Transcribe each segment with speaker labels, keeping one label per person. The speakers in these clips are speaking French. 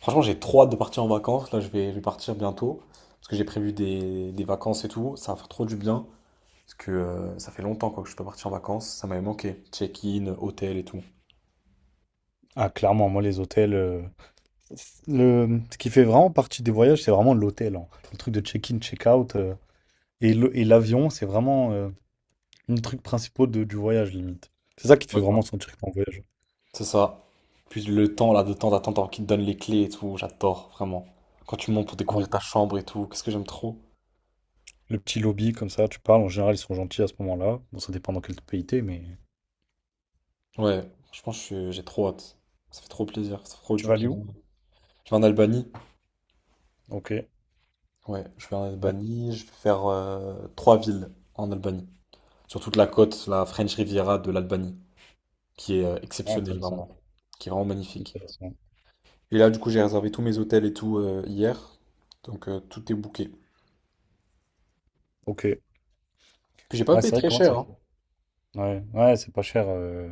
Speaker 1: Franchement, j'ai trop hâte de partir en vacances. Là, je vais partir bientôt. Parce que j'ai prévu des vacances et tout. Ça va faire trop du bien. Parce que ça fait longtemps quoi, que je suis pas parti en vacances. Ça m'avait manqué. Check-in, hôtel et tout.
Speaker 2: Ah, clairement, moi, les hôtels. Ce qui fait vraiment partie des voyages, c'est vraiment l'hôtel, hein. Le truc de check-in, check-out. Et l'avion, c'est vraiment un truc principal du voyage, limite. C'est ça qui te fait
Speaker 1: Ouais, grave.
Speaker 2: vraiment sentir que t'es en voyage.
Speaker 1: C'est ça. Puis le temps, là, de temps d'attente, alors qu'ils te donnent les clés et tout. J'adore, vraiment. Quand tu montes pour
Speaker 2: Dans
Speaker 1: découvrir
Speaker 2: le
Speaker 1: ta chambre et tout. Qu'est-ce que j'aime trop.
Speaker 2: petit lobby, comme ça, tu parles. En général, ils sont gentils à ce moment-là. Bon, ça dépend dans quel pays t'es, mais.
Speaker 1: Ouais, franchement, j'ai trop hâte. Ça fait trop plaisir. Ça fait trop
Speaker 2: Tu
Speaker 1: du
Speaker 2: vas à
Speaker 1: bien.
Speaker 2: Lyon?
Speaker 1: Je vais en Albanie.
Speaker 2: Ok.
Speaker 1: Ouais, je vais en
Speaker 2: Ouais.
Speaker 1: Albanie. Je vais faire trois villes en Albanie, sur toute la côte, la French Riviera de l'Albanie, qui est
Speaker 2: Ah,
Speaker 1: exceptionnelle
Speaker 2: intéressant.
Speaker 1: vraiment, qui est vraiment magnifique.
Speaker 2: Intéressant.
Speaker 1: Et là, du coup, j'ai réservé tous mes hôtels et tout hier, donc tout est booké.
Speaker 2: Ok.
Speaker 1: Puis j'ai pas
Speaker 2: Ah,
Speaker 1: payé
Speaker 2: c'est vrai,
Speaker 1: très
Speaker 2: comment ça
Speaker 1: cher, hein.
Speaker 2: fait? Ouais, ouais, c'est pas cher.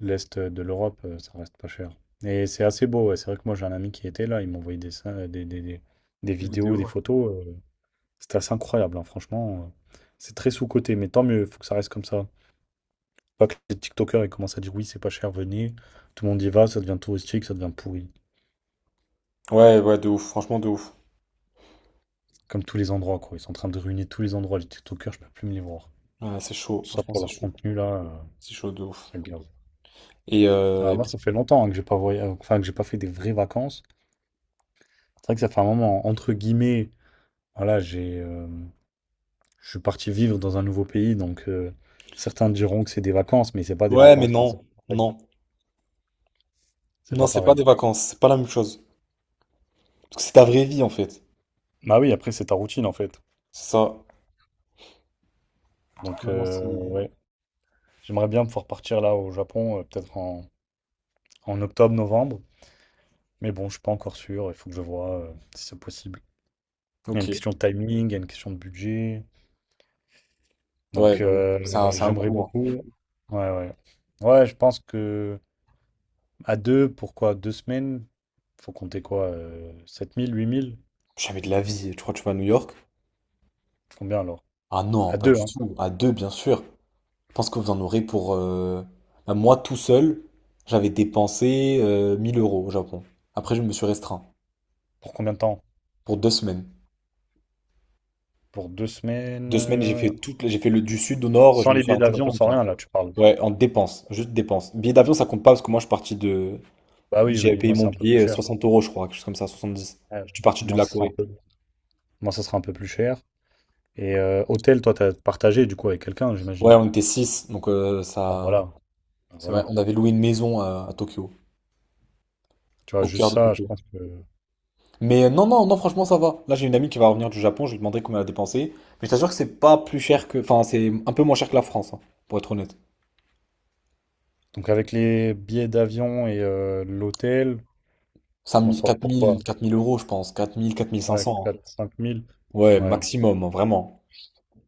Speaker 2: L'Est de l'Europe, ça reste pas cher. Et c'est assez beau, ouais. C'est vrai que moi j'ai un ami qui était là, il m'envoyait des des-
Speaker 1: Les vidéos,
Speaker 2: vidéos, des
Speaker 1: ouais.
Speaker 2: photos. C'était assez incroyable, hein, franchement. C'est très sous-coté, mais tant mieux, il faut que ça reste comme ça. Pas que les TikTokers ils commencent à dire oui, c'est pas cher, venez. Tout le monde y va, ça devient touristique, ça devient pourri.
Speaker 1: Ouais, ouais, de ouf, franchement de ouf.
Speaker 2: Comme tous les endroits, quoi. Ils sont en train de ruiner tous les endroits. Les TikTokers, je peux plus me les voir.
Speaker 1: Ouais, c'est chaud,
Speaker 2: Tout ça
Speaker 1: franchement
Speaker 2: pour leur contenu, là,
Speaker 1: c'est chaud de ouf.
Speaker 2: ça me gave.
Speaker 1: Et, euh,
Speaker 2: Alors
Speaker 1: et
Speaker 2: moi,
Speaker 1: puis-
Speaker 2: ça fait longtemps hein, que j'ai pas fait des vraies vacances. C'est vrai que ça fait un moment, entre guillemets, voilà, j'ai. Je suis parti vivre dans un nouveau pays, donc certains diront que c'est des vacances, mais c'est pas des
Speaker 1: ouais, mais
Speaker 2: vacances. Enfin, c'est
Speaker 1: non,
Speaker 2: pas pareil.
Speaker 1: non,
Speaker 2: C'est
Speaker 1: non,
Speaker 2: pas
Speaker 1: c'est pas des
Speaker 2: pareil.
Speaker 1: vacances, c'est pas la même chose, parce que c'est ta vraie vie en fait,
Speaker 2: Bah oui, après, c'est ta routine en fait.
Speaker 1: c'est ça.
Speaker 2: Donc,
Speaker 1: Maintenant c'est.
Speaker 2: ouais, j'aimerais bien pouvoir partir là au Japon, peut-être en en octobre, novembre. Mais bon, je suis pas encore sûr. Il faut que je vois si c'est possible. Il y a
Speaker 1: Ok,
Speaker 2: une question de timing, il y a une question de budget.
Speaker 1: ouais,
Speaker 2: Donc,
Speaker 1: bah oui, c'est un, c'est un
Speaker 2: j'aimerais
Speaker 1: coup, hein.
Speaker 2: beaucoup. Ouais, ouais. Ouais, je pense que à deux, pourquoi deux semaines? Faut compter quoi? 7 000, 8 000?
Speaker 1: Jamais de la vie, tu crois que tu vas à New York?
Speaker 2: Combien alors?
Speaker 1: Ah non,
Speaker 2: À
Speaker 1: pas
Speaker 2: deux,
Speaker 1: du
Speaker 2: hein.
Speaker 1: tout. À deux, bien sûr. Je pense que vous en aurez pour... bah, moi, tout seul, j'avais dépensé 1000 euros au Japon. Après, je me suis restreint
Speaker 2: Pour combien de temps?
Speaker 1: pour 2 semaines.
Speaker 2: Pour deux semaines?
Speaker 1: 2 semaines, j'ai fait toute... j'ai fait le du sud au nord, je
Speaker 2: Sans
Speaker 1: me
Speaker 2: les
Speaker 1: suis
Speaker 2: billets
Speaker 1: arrêté dans
Speaker 2: d'avion,
Speaker 1: plein de
Speaker 2: sans
Speaker 1: villes.
Speaker 2: rien, là, tu parles.
Speaker 1: Ouais, en dépenses, juste dépenses. Billet d'avion, ça compte pas parce que moi, je suis parti de...
Speaker 2: Bah oui,
Speaker 1: J'ai
Speaker 2: oui,
Speaker 1: payé
Speaker 2: moi, c'est
Speaker 1: mon
Speaker 2: un peu plus
Speaker 1: billet
Speaker 2: cher.
Speaker 1: 60 euros, je crois, quelque chose comme ça, 70.
Speaker 2: Ouais.
Speaker 1: Je suis parti de
Speaker 2: Moi,
Speaker 1: la
Speaker 2: ça sera un
Speaker 1: Corée.
Speaker 2: peu, moi, ça sera un peu plus cher. Et hôtel, toi, t'as partagé, du coup, avec quelqu'un,
Speaker 1: Ouais,
Speaker 2: j'imagine.
Speaker 1: on était 6, donc
Speaker 2: Bah
Speaker 1: ça...
Speaker 2: voilà. Bah,
Speaker 1: C'est vrai,
Speaker 2: voilà.
Speaker 1: on avait loué une maison à Tokyo,
Speaker 2: Tu vois,
Speaker 1: au
Speaker 2: juste
Speaker 1: cœur de
Speaker 2: ça, je
Speaker 1: Tokyo.
Speaker 2: pense que...
Speaker 1: Mais non, non, non, franchement, ça va. Là, j'ai une amie qui va revenir du Japon, je lui demanderai combien elle a dépensé. Mais je t'assure que c'est pas plus cher que. Enfin, c'est un peu moins cher que la France, hein, pour être honnête.
Speaker 2: Donc, avec les billets d'avion et l'hôtel, je m'en
Speaker 1: 5000,
Speaker 2: sors
Speaker 1: 4000,
Speaker 2: pourquoi?
Speaker 1: 4000 euros, je pense. 4000,
Speaker 2: Ouais,
Speaker 1: 4500. Hein.
Speaker 2: quatre, cinq mille.
Speaker 1: Ouais,
Speaker 2: Ouais.
Speaker 1: maximum, hein, vraiment.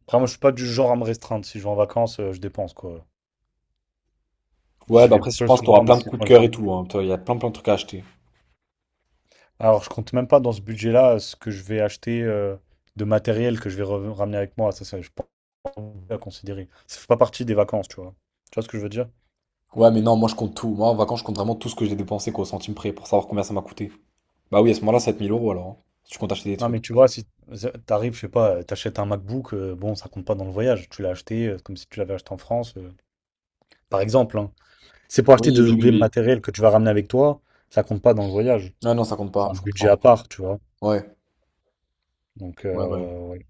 Speaker 2: Après, moi, je suis pas du genre à me restreindre. Si je vais en vacances, je dépense, quoi.
Speaker 1: Ouais,
Speaker 2: J'y
Speaker 1: bah
Speaker 2: vais
Speaker 1: après, je
Speaker 2: peu
Speaker 1: pense que t'auras
Speaker 2: souvent, mais
Speaker 1: plein de
Speaker 2: si
Speaker 1: coups de
Speaker 2: quand j'y
Speaker 1: cœur et
Speaker 2: vais...
Speaker 1: tout. Hein. Toi, il y a plein, plein de trucs à acheter.
Speaker 2: Alors, je compte même pas dans ce budget-là ce que je vais acheter de matériel que je vais ramener avec moi. Ça, je pense à considérer. Ça fait pas partie des vacances, tu vois. Tu vois ce que je veux dire?
Speaker 1: Ouais, mais non, moi, je compte tout. Moi, en vacances, je compte vraiment tout ce que j'ai dépensé, quoi, au centime près, pour savoir combien ça m'a coûté. Bah oui, à ce moment-là, 7000 euros alors. Hein, si tu comptes acheter des
Speaker 2: Non,
Speaker 1: trucs.
Speaker 2: mais tu vois, si t'arrives, je sais pas, t'achètes un MacBook, bon, ça compte pas dans le voyage. Tu l'as acheté comme si tu l'avais acheté en France, par exemple, hein. C'est pour acheter
Speaker 1: Oui,
Speaker 2: des
Speaker 1: oui, oui,
Speaker 2: objets
Speaker 1: oui.
Speaker 2: matériels que tu vas ramener avec toi, ça compte pas dans le voyage.
Speaker 1: Ah non, ça compte
Speaker 2: C'est
Speaker 1: pas,
Speaker 2: un
Speaker 1: je
Speaker 2: budget à
Speaker 1: comprends.
Speaker 2: part, tu vois.
Speaker 1: Ouais,
Speaker 2: Donc,
Speaker 1: ouais, ouais.
Speaker 2: ouais.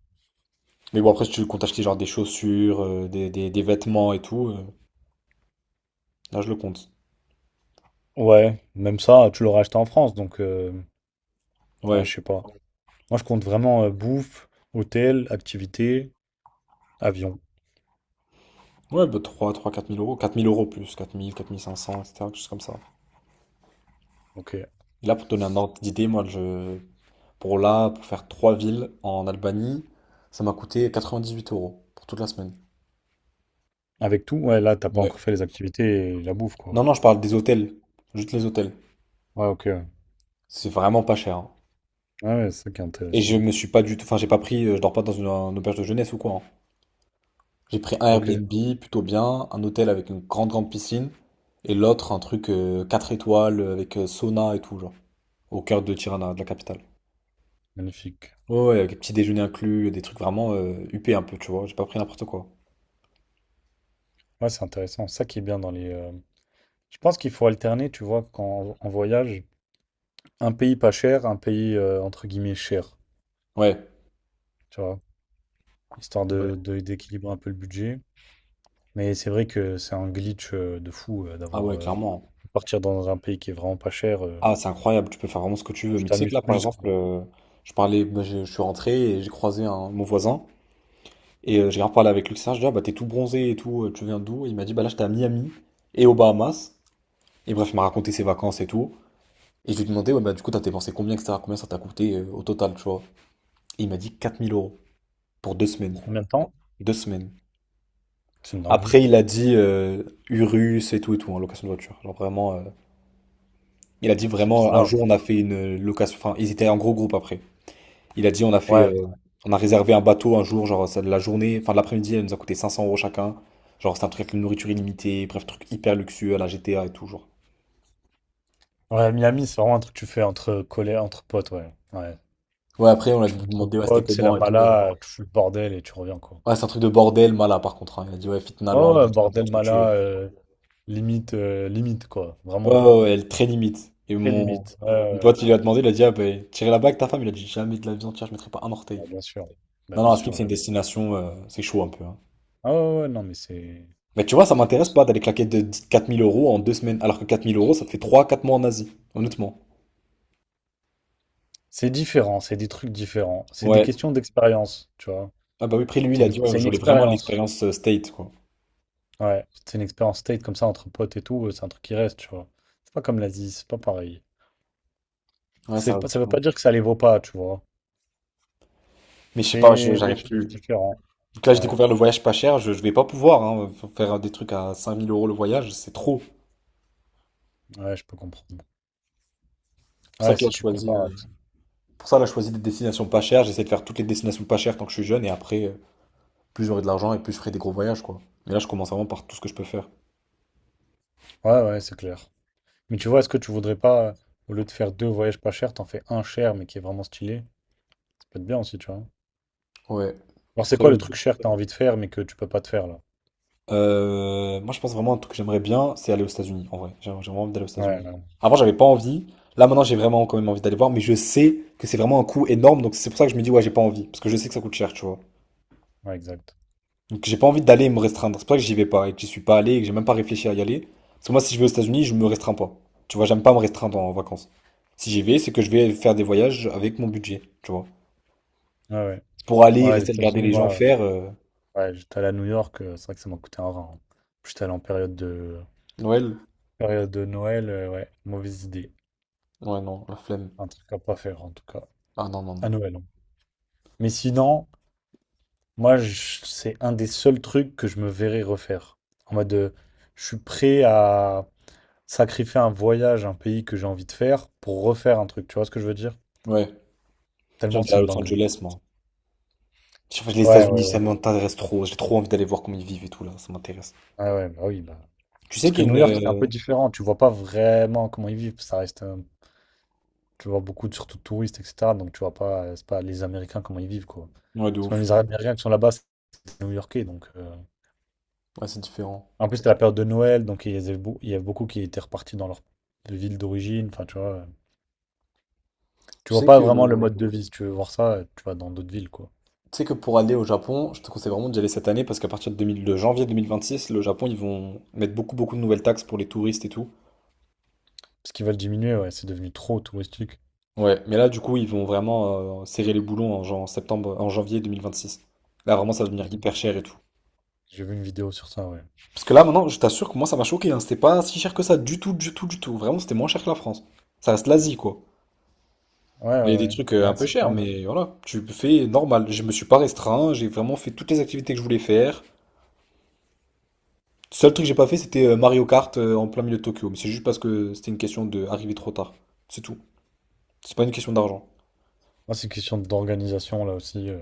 Speaker 1: Mais bon, après, si tu comptes acheter genre des chaussures, des vêtements et tout, là, je le compte.
Speaker 2: Ouais, même ça, tu l'aurais acheté en France, donc, ouais,
Speaker 1: Ouais.
Speaker 2: je sais pas. Moi, je compte vraiment bouffe, hôtel, activité, avion.
Speaker 1: Ouais, bah trois trois quatre mille euros, quatre mille euros plus, 4 000, 4 500, etc. Quelque chose comme ça.
Speaker 2: Ok.
Speaker 1: Et là, pour te donner un ordre d'idée, moi, je... pour là, pour faire trois villes en Albanie, ça m'a coûté 98 € pour toute la semaine.
Speaker 2: Avec tout, ouais, là, t'as pas
Speaker 1: Ouais.
Speaker 2: encore fait les activités et la bouffe, quoi.
Speaker 1: Non, non, je parle des hôtels. Juste les hôtels.
Speaker 2: Ouais, ok. Ouais,
Speaker 1: C'est vraiment pas cher. Hein.
Speaker 2: ouais, ouais, c'est ça qui est
Speaker 1: Et
Speaker 2: intéressant.
Speaker 1: je me suis pas du tout. Enfin, j'ai pas pris. Je dors pas dans une auberge de jeunesse ou quoi. Hein. J'ai pris un
Speaker 2: Ok,
Speaker 1: Airbnb plutôt bien, un hôtel avec une grande grande piscine, et l'autre un truc 4 étoiles avec sauna et tout, genre, au cœur de Tirana, de la capitale.
Speaker 2: magnifique.
Speaker 1: Ouais, ouais, avec petit déjeuner inclus, des trucs vraiment huppés un peu, tu vois, j'ai pas pris n'importe quoi.
Speaker 2: Ouais, c'est intéressant. Ça qui est bien dans les. Je pense qu'il faut alterner, tu vois, quand on voyage, un pays pas cher, un pays entre guillemets cher,
Speaker 1: Ouais,
Speaker 2: tu vois, histoire
Speaker 1: c'est vrai.
Speaker 2: de, d'équilibrer un peu le budget. Mais c'est vrai que c'est un glitch de fou
Speaker 1: Ah
Speaker 2: d'avoir
Speaker 1: ouais, clairement.
Speaker 2: partir dans un pays qui est vraiment pas cher. euh,
Speaker 1: Ah, c'est incroyable, tu peux faire vraiment ce que tu veux.
Speaker 2: tu
Speaker 1: Mais tu sais que
Speaker 2: t'amuses
Speaker 1: là, par
Speaker 2: plus,
Speaker 1: exemple,
Speaker 2: quoi.
Speaker 1: je parlais, bah, je suis rentré et j'ai croisé un, mon voisin, et j'ai grave avec lui, ça, je dis ah, bah t'es tout bronzé et tout, tu viens d'où? Il m'a dit, bah là, j'étais à Miami et aux Bahamas. Et bref, il m'a raconté ses vacances et tout. Et je lui demandais, ouais, bah du coup, t'as dépensé combien, etc. Combien ça t'a coûté au total, tu vois. Et il m'a dit 4000 € pour 2 semaines.
Speaker 2: Pour combien de temps?
Speaker 1: Deux semaines.
Speaker 2: C'est une dinguerie.
Speaker 1: Après, il a dit Urus et tout, en location de voiture. Genre vraiment, il a dit
Speaker 2: C'est
Speaker 1: vraiment, un jour,
Speaker 2: bizarre.
Speaker 1: on a fait une location. Enfin, ils étaient en gros groupe après. Il a dit, on a fait,
Speaker 2: Ouais. Ouais,
Speaker 1: on a réservé un bateau un jour, genre ça, de la journée, enfin de l'après-midi, elle nous a coûté 500 € chacun. Genre, c'est un truc avec une nourriture illimitée, bref, truc hyper luxueux à la GTA et tout, genre.
Speaker 2: ouais, Miami, c'est vraiment un truc que tu fais entre collègues, entre potes, ouais. Ouais.
Speaker 1: Ouais, après, on a
Speaker 2: Tu fais entre
Speaker 1: demandé, ouais, c'était
Speaker 2: potes, c'est la
Speaker 1: comment et tout.
Speaker 2: mala, tu fous le bordel et tu reviens, quoi.
Speaker 1: Ouais, c'est un truc de bordel, Mala, par contre. Hein. Il a dit, ouais, Fitna
Speaker 2: Oh,
Speaker 1: Land
Speaker 2: ouais, ouais,
Speaker 1: et tout.
Speaker 2: bordel, mala, limite, limite, quoi.
Speaker 1: Ouais,
Speaker 2: Vraiment
Speaker 1: ouais, ouais, elle est très limite. Et
Speaker 2: très
Speaker 1: mon,
Speaker 2: limite. Ouais,
Speaker 1: mon
Speaker 2: ouais, ouais.
Speaker 1: pote, il lui a demandé, il a dit, ah ben, tirer la bague, ta femme, il a dit, jamais de la vie entière, je mettrai pas un orteil.
Speaker 2: Bah, bien sûr. Bah,
Speaker 1: Non,
Speaker 2: bien
Speaker 1: non, Askip,
Speaker 2: sûr,
Speaker 1: c'est une
Speaker 2: jamais.
Speaker 1: destination, c'est chaud un peu. Hein.
Speaker 2: Ah ouais, ouais, non, mais c'est...
Speaker 1: Mais tu vois, ça m'intéresse pas d'aller claquer de 4000 € en 2 semaines, alors que 4000 euros, ça te fait trois quatre mois en Asie, honnêtement.
Speaker 2: C'est différent, c'est des trucs différents. C'est des
Speaker 1: Ouais.
Speaker 2: questions d'expérience, tu vois.
Speaker 1: Ah bah oui, après lui, il
Speaker 2: C'est
Speaker 1: a
Speaker 2: une,
Speaker 1: dit, ouais,
Speaker 2: c'est
Speaker 1: je
Speaker 2: une
Speaker 1: voulais vraiment
Speaker 2: expérience.
Speaker 1: l'expérience state, quoi.
Speaker 2: Ouais, c'est une expérience state comme ça entre potes et tout, c'est un truc qui reste, tu vois. C'est pas comme l'Asie, c'est pas pareil.
Speaker 1: Ouais, ça
Speaker 2: C'est
Speaker 1: reste
Speaker 2: pas- ça veut pas
Speaker 1: différent.
Speaker 2: dire que ça les vaut pas, tu vois.
Speaker 1: Mais je sais pas,
Speaker 2: C'est des
Speaker 1: j'arrive
Speaker 2: choses
Speaker 1: plus.
Speaker 2: différentes.
Speaker 1: Donc là, j'ai
Speaker 2: Ouais,
Speaker 1: découvert le voyage pas cher, je vais pas pouvoir, hein, faire des trucs à 5000 € le voyage, c'est trop.
Speaker 2: ouais, je peux comprendre.
Speaker 1: C'est pour ça
Speaker 2: Ouais,
Speaker 1: que là,
Speaker 2: si
Speaker 1: je
Speaker 2: tu
Speaker 1: choisis.
Speaker 2: compares à tout.
Speaker 1: Pour ça, là, je choisis des destinations pas chères. J'essaie de faire toutes les destinations pas chères tant que je suis jeune. Et après, plus j'aurai de l'argent et plus je ferai des gros voyages, quoi. Mais là, je commence vraiment par tout ce que je peux faire.
Speaker 2: Ouais, ouais, c'est clair. Mais tu vois, est-ce que tu voudrais pas, au lieu de faire deux voyages pas chers, t'en fais un cher mais qui est vraiment stylé? Ça peut être bien aussi, tu vois.
Speaker 1: Ouais.
Speaker 2: Alors, c'est quoi
Speaker 1: Après,
Speaker 2: le truc cher que t'as envie de faire mais que tu peux pas te faire là?
Speaker 1: moi, je pense vraiment à un truc que j'aimerais bien, c'est aller aux États-Unis, en vrai. J'ai vraiment envie d'aller aux
Speaker 2: Ouais, ouais,
Speaker 1: États-Unis.
Speaker 2: ouais,
Speaker 1: Avant, j'avais pas envie. Là, maintenant, j'ai vraiment quand même envie d'aller voir. Mais je sais que c'est vraiment un coût énorme. Donc, c'est pour ça que je me dis, ouais, j'ai pas envie. Parce que je sais que ça coûte cher, tu vois.
Speaker 2: ouais, exact.
Speaker 1: Donc j'ai pas envie d'aller me restreindre. C'est pour ça que j'y vais pas et que j'y suis pas allé et que j'ai même pas réfléchi à y aller. Parce que moi, si je vais aux États-Unis, je me restreins pas. Tu vois, j'aime pas me restreindre en vacances. Si j'y vais, c'est que je vais faire des voyages avec mon budget, tu vois.
Speaker 2: Ouais, ouais.
Speaker 1: Pour aller,
Speaker 2: Ouais, les
Speaker 1: rester, regarder
Speaker 2: États-Unis,
Speaker 1: les gens
Speaker 2: moi,
Speaker 1: faire.
Speaker 2: ouais, j'étais allé à New York, c'est vrai que ça m'a coûté un rein, hein. J'étais allé
Speaker 1: Noël?
Speaker 2: période de Noël, ouais, mauvaise idée.
Speaker 1: Ouais, non, la flemme.
Speaker 2: Un truc à pas faire en tout cas.
Speaker 1: Ah non, non,
Speaker 2: À
Speaker 1: non.
Speaker 2: Noël, hein. Mais sinon. Moi, c'est un des seuls trucs que je me verrais refaire. En mode, je suis prêt à sacrifier un voyage, un pays que j'ai envie de faire pour refaire un truc. Tu vois ce que je veux dire?
Speaker 1: Ouais,
Speaker 2: Tellement
Speaker 1: j'aime aller
Speaker 2: c'est
Speaker 1: à
Speaker 2: une
Speaker 1: Los
Speaker 2: dinguerie.
Speaker 1: Angeles, moi. Je sais pas, les
Speaker 2: Ouais, ouais,
Speaker 1: États-Unis, ça
Speaker 2: ouais.
Speaker 1: m'intéresse trop. J'ai trop envie d'aller voir comment ils vivent et tout, là. Ça m'intéresse.
Speaker 2: Ah ouais, bah oui, bah.
Speaker 1: Tu sais
Speaker 2: Parce que
Speaker 1: qu'il
Speaker 2: New
Speaker 1: y a
Speaker 2: York, c'est un
Speaker 1: une.
Speaker 2: peu différent. Tu vois pas vraiment comment ils vivent. Ça reste, tu vois beaucoup, surtout de touristes, etc. Donc tu vois pas, c'est pas les Américains comment ils vivent, quoi.
Speaker 1: Ouais, de
Speaker 2: Parce que même
Speaker 1: ouf.
Speaker 2: les Américains qui sont là-bas, c'est des New-Yorkais. Donc,
Speaker 1: Ouais, c'est différent.
Speaker 2: en plus, c'était la période de Noël, donc il y avait beaucoup qui étaient repartis dans leur ville d'origine. Enfin, tu vois. Tu
Speaker 1: Tu
Speaker 2: vois
Speaker 1: sais
Speaker 2: pas
Speaker 1: que.
Speaker 2: vraiment le mode de vie. Si tu veux voir ça, tu vas dans d'autres villes, quoi.
Speaker 1: Tu sais que pour aller au Japon, je te conseille vraiment d'y aller cette année parce qu'à partir de, 2000 de janvier 2026, le Japon, ils vont mettre beaucoup, beaucoup de nouvelles taxes pour les touristes et tout.
Speaker 2: Parce qu'ils veulent diminuer, ouais, c'est devenu trop touristique.
Speaker 1: Ouais, mais là, du coup, ils vont vraiment serrer les boulons en, en septembre, en janvier 2026. Là, vraiment, ça va devenir
Speaker 2: J'ai vu
Speaker 1: hyper cher et tout.
Speaker 2: j'ai vu une vidéo sur ça, ouais.
Speaker 1: Parce que là, maintenant, je t'assure que moi, ça m'a choqué. Hein. C'était pas si cher que ça, du tout, du tout, du tout. Vraiment, c'était moins cher que la France. Ça reste l'Asie, quoi.
Speaker 2: Ouais,
Speaker 1: Il y a
Speaker 2: ouais,
Speaker 1: des
Speaker 2: ouais.
Speaker 1: trucs un
Speaker 2: Ouais,
Speaker 1: peu
Speaker 2: c'est ça.
Speaker 1: chers, mais voilà, tu fais normal. Je me suis pas restreint, j'ai vraiment fait toutes les activités que je voulais faire. Seul truc que j'ai pas fait, c'était Mario Kart en plein milieu de Tokyo. Mais c'est juste parce que c'était une question de arriver trop tard. C'est tout. C'est pas une question d'argent.
Speaker 2: Moi, c'est une question d'organisation, là aussi.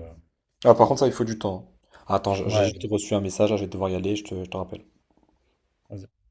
Speaker 1: Ah, par contre, ça, il faut du temps. Ah, attends, j'ai juste
Speaker 2: Ouais,
Speaker 1: reçu un message, là, je vais devoir y aller, je te rappelle.
Speaker 2: vas-y.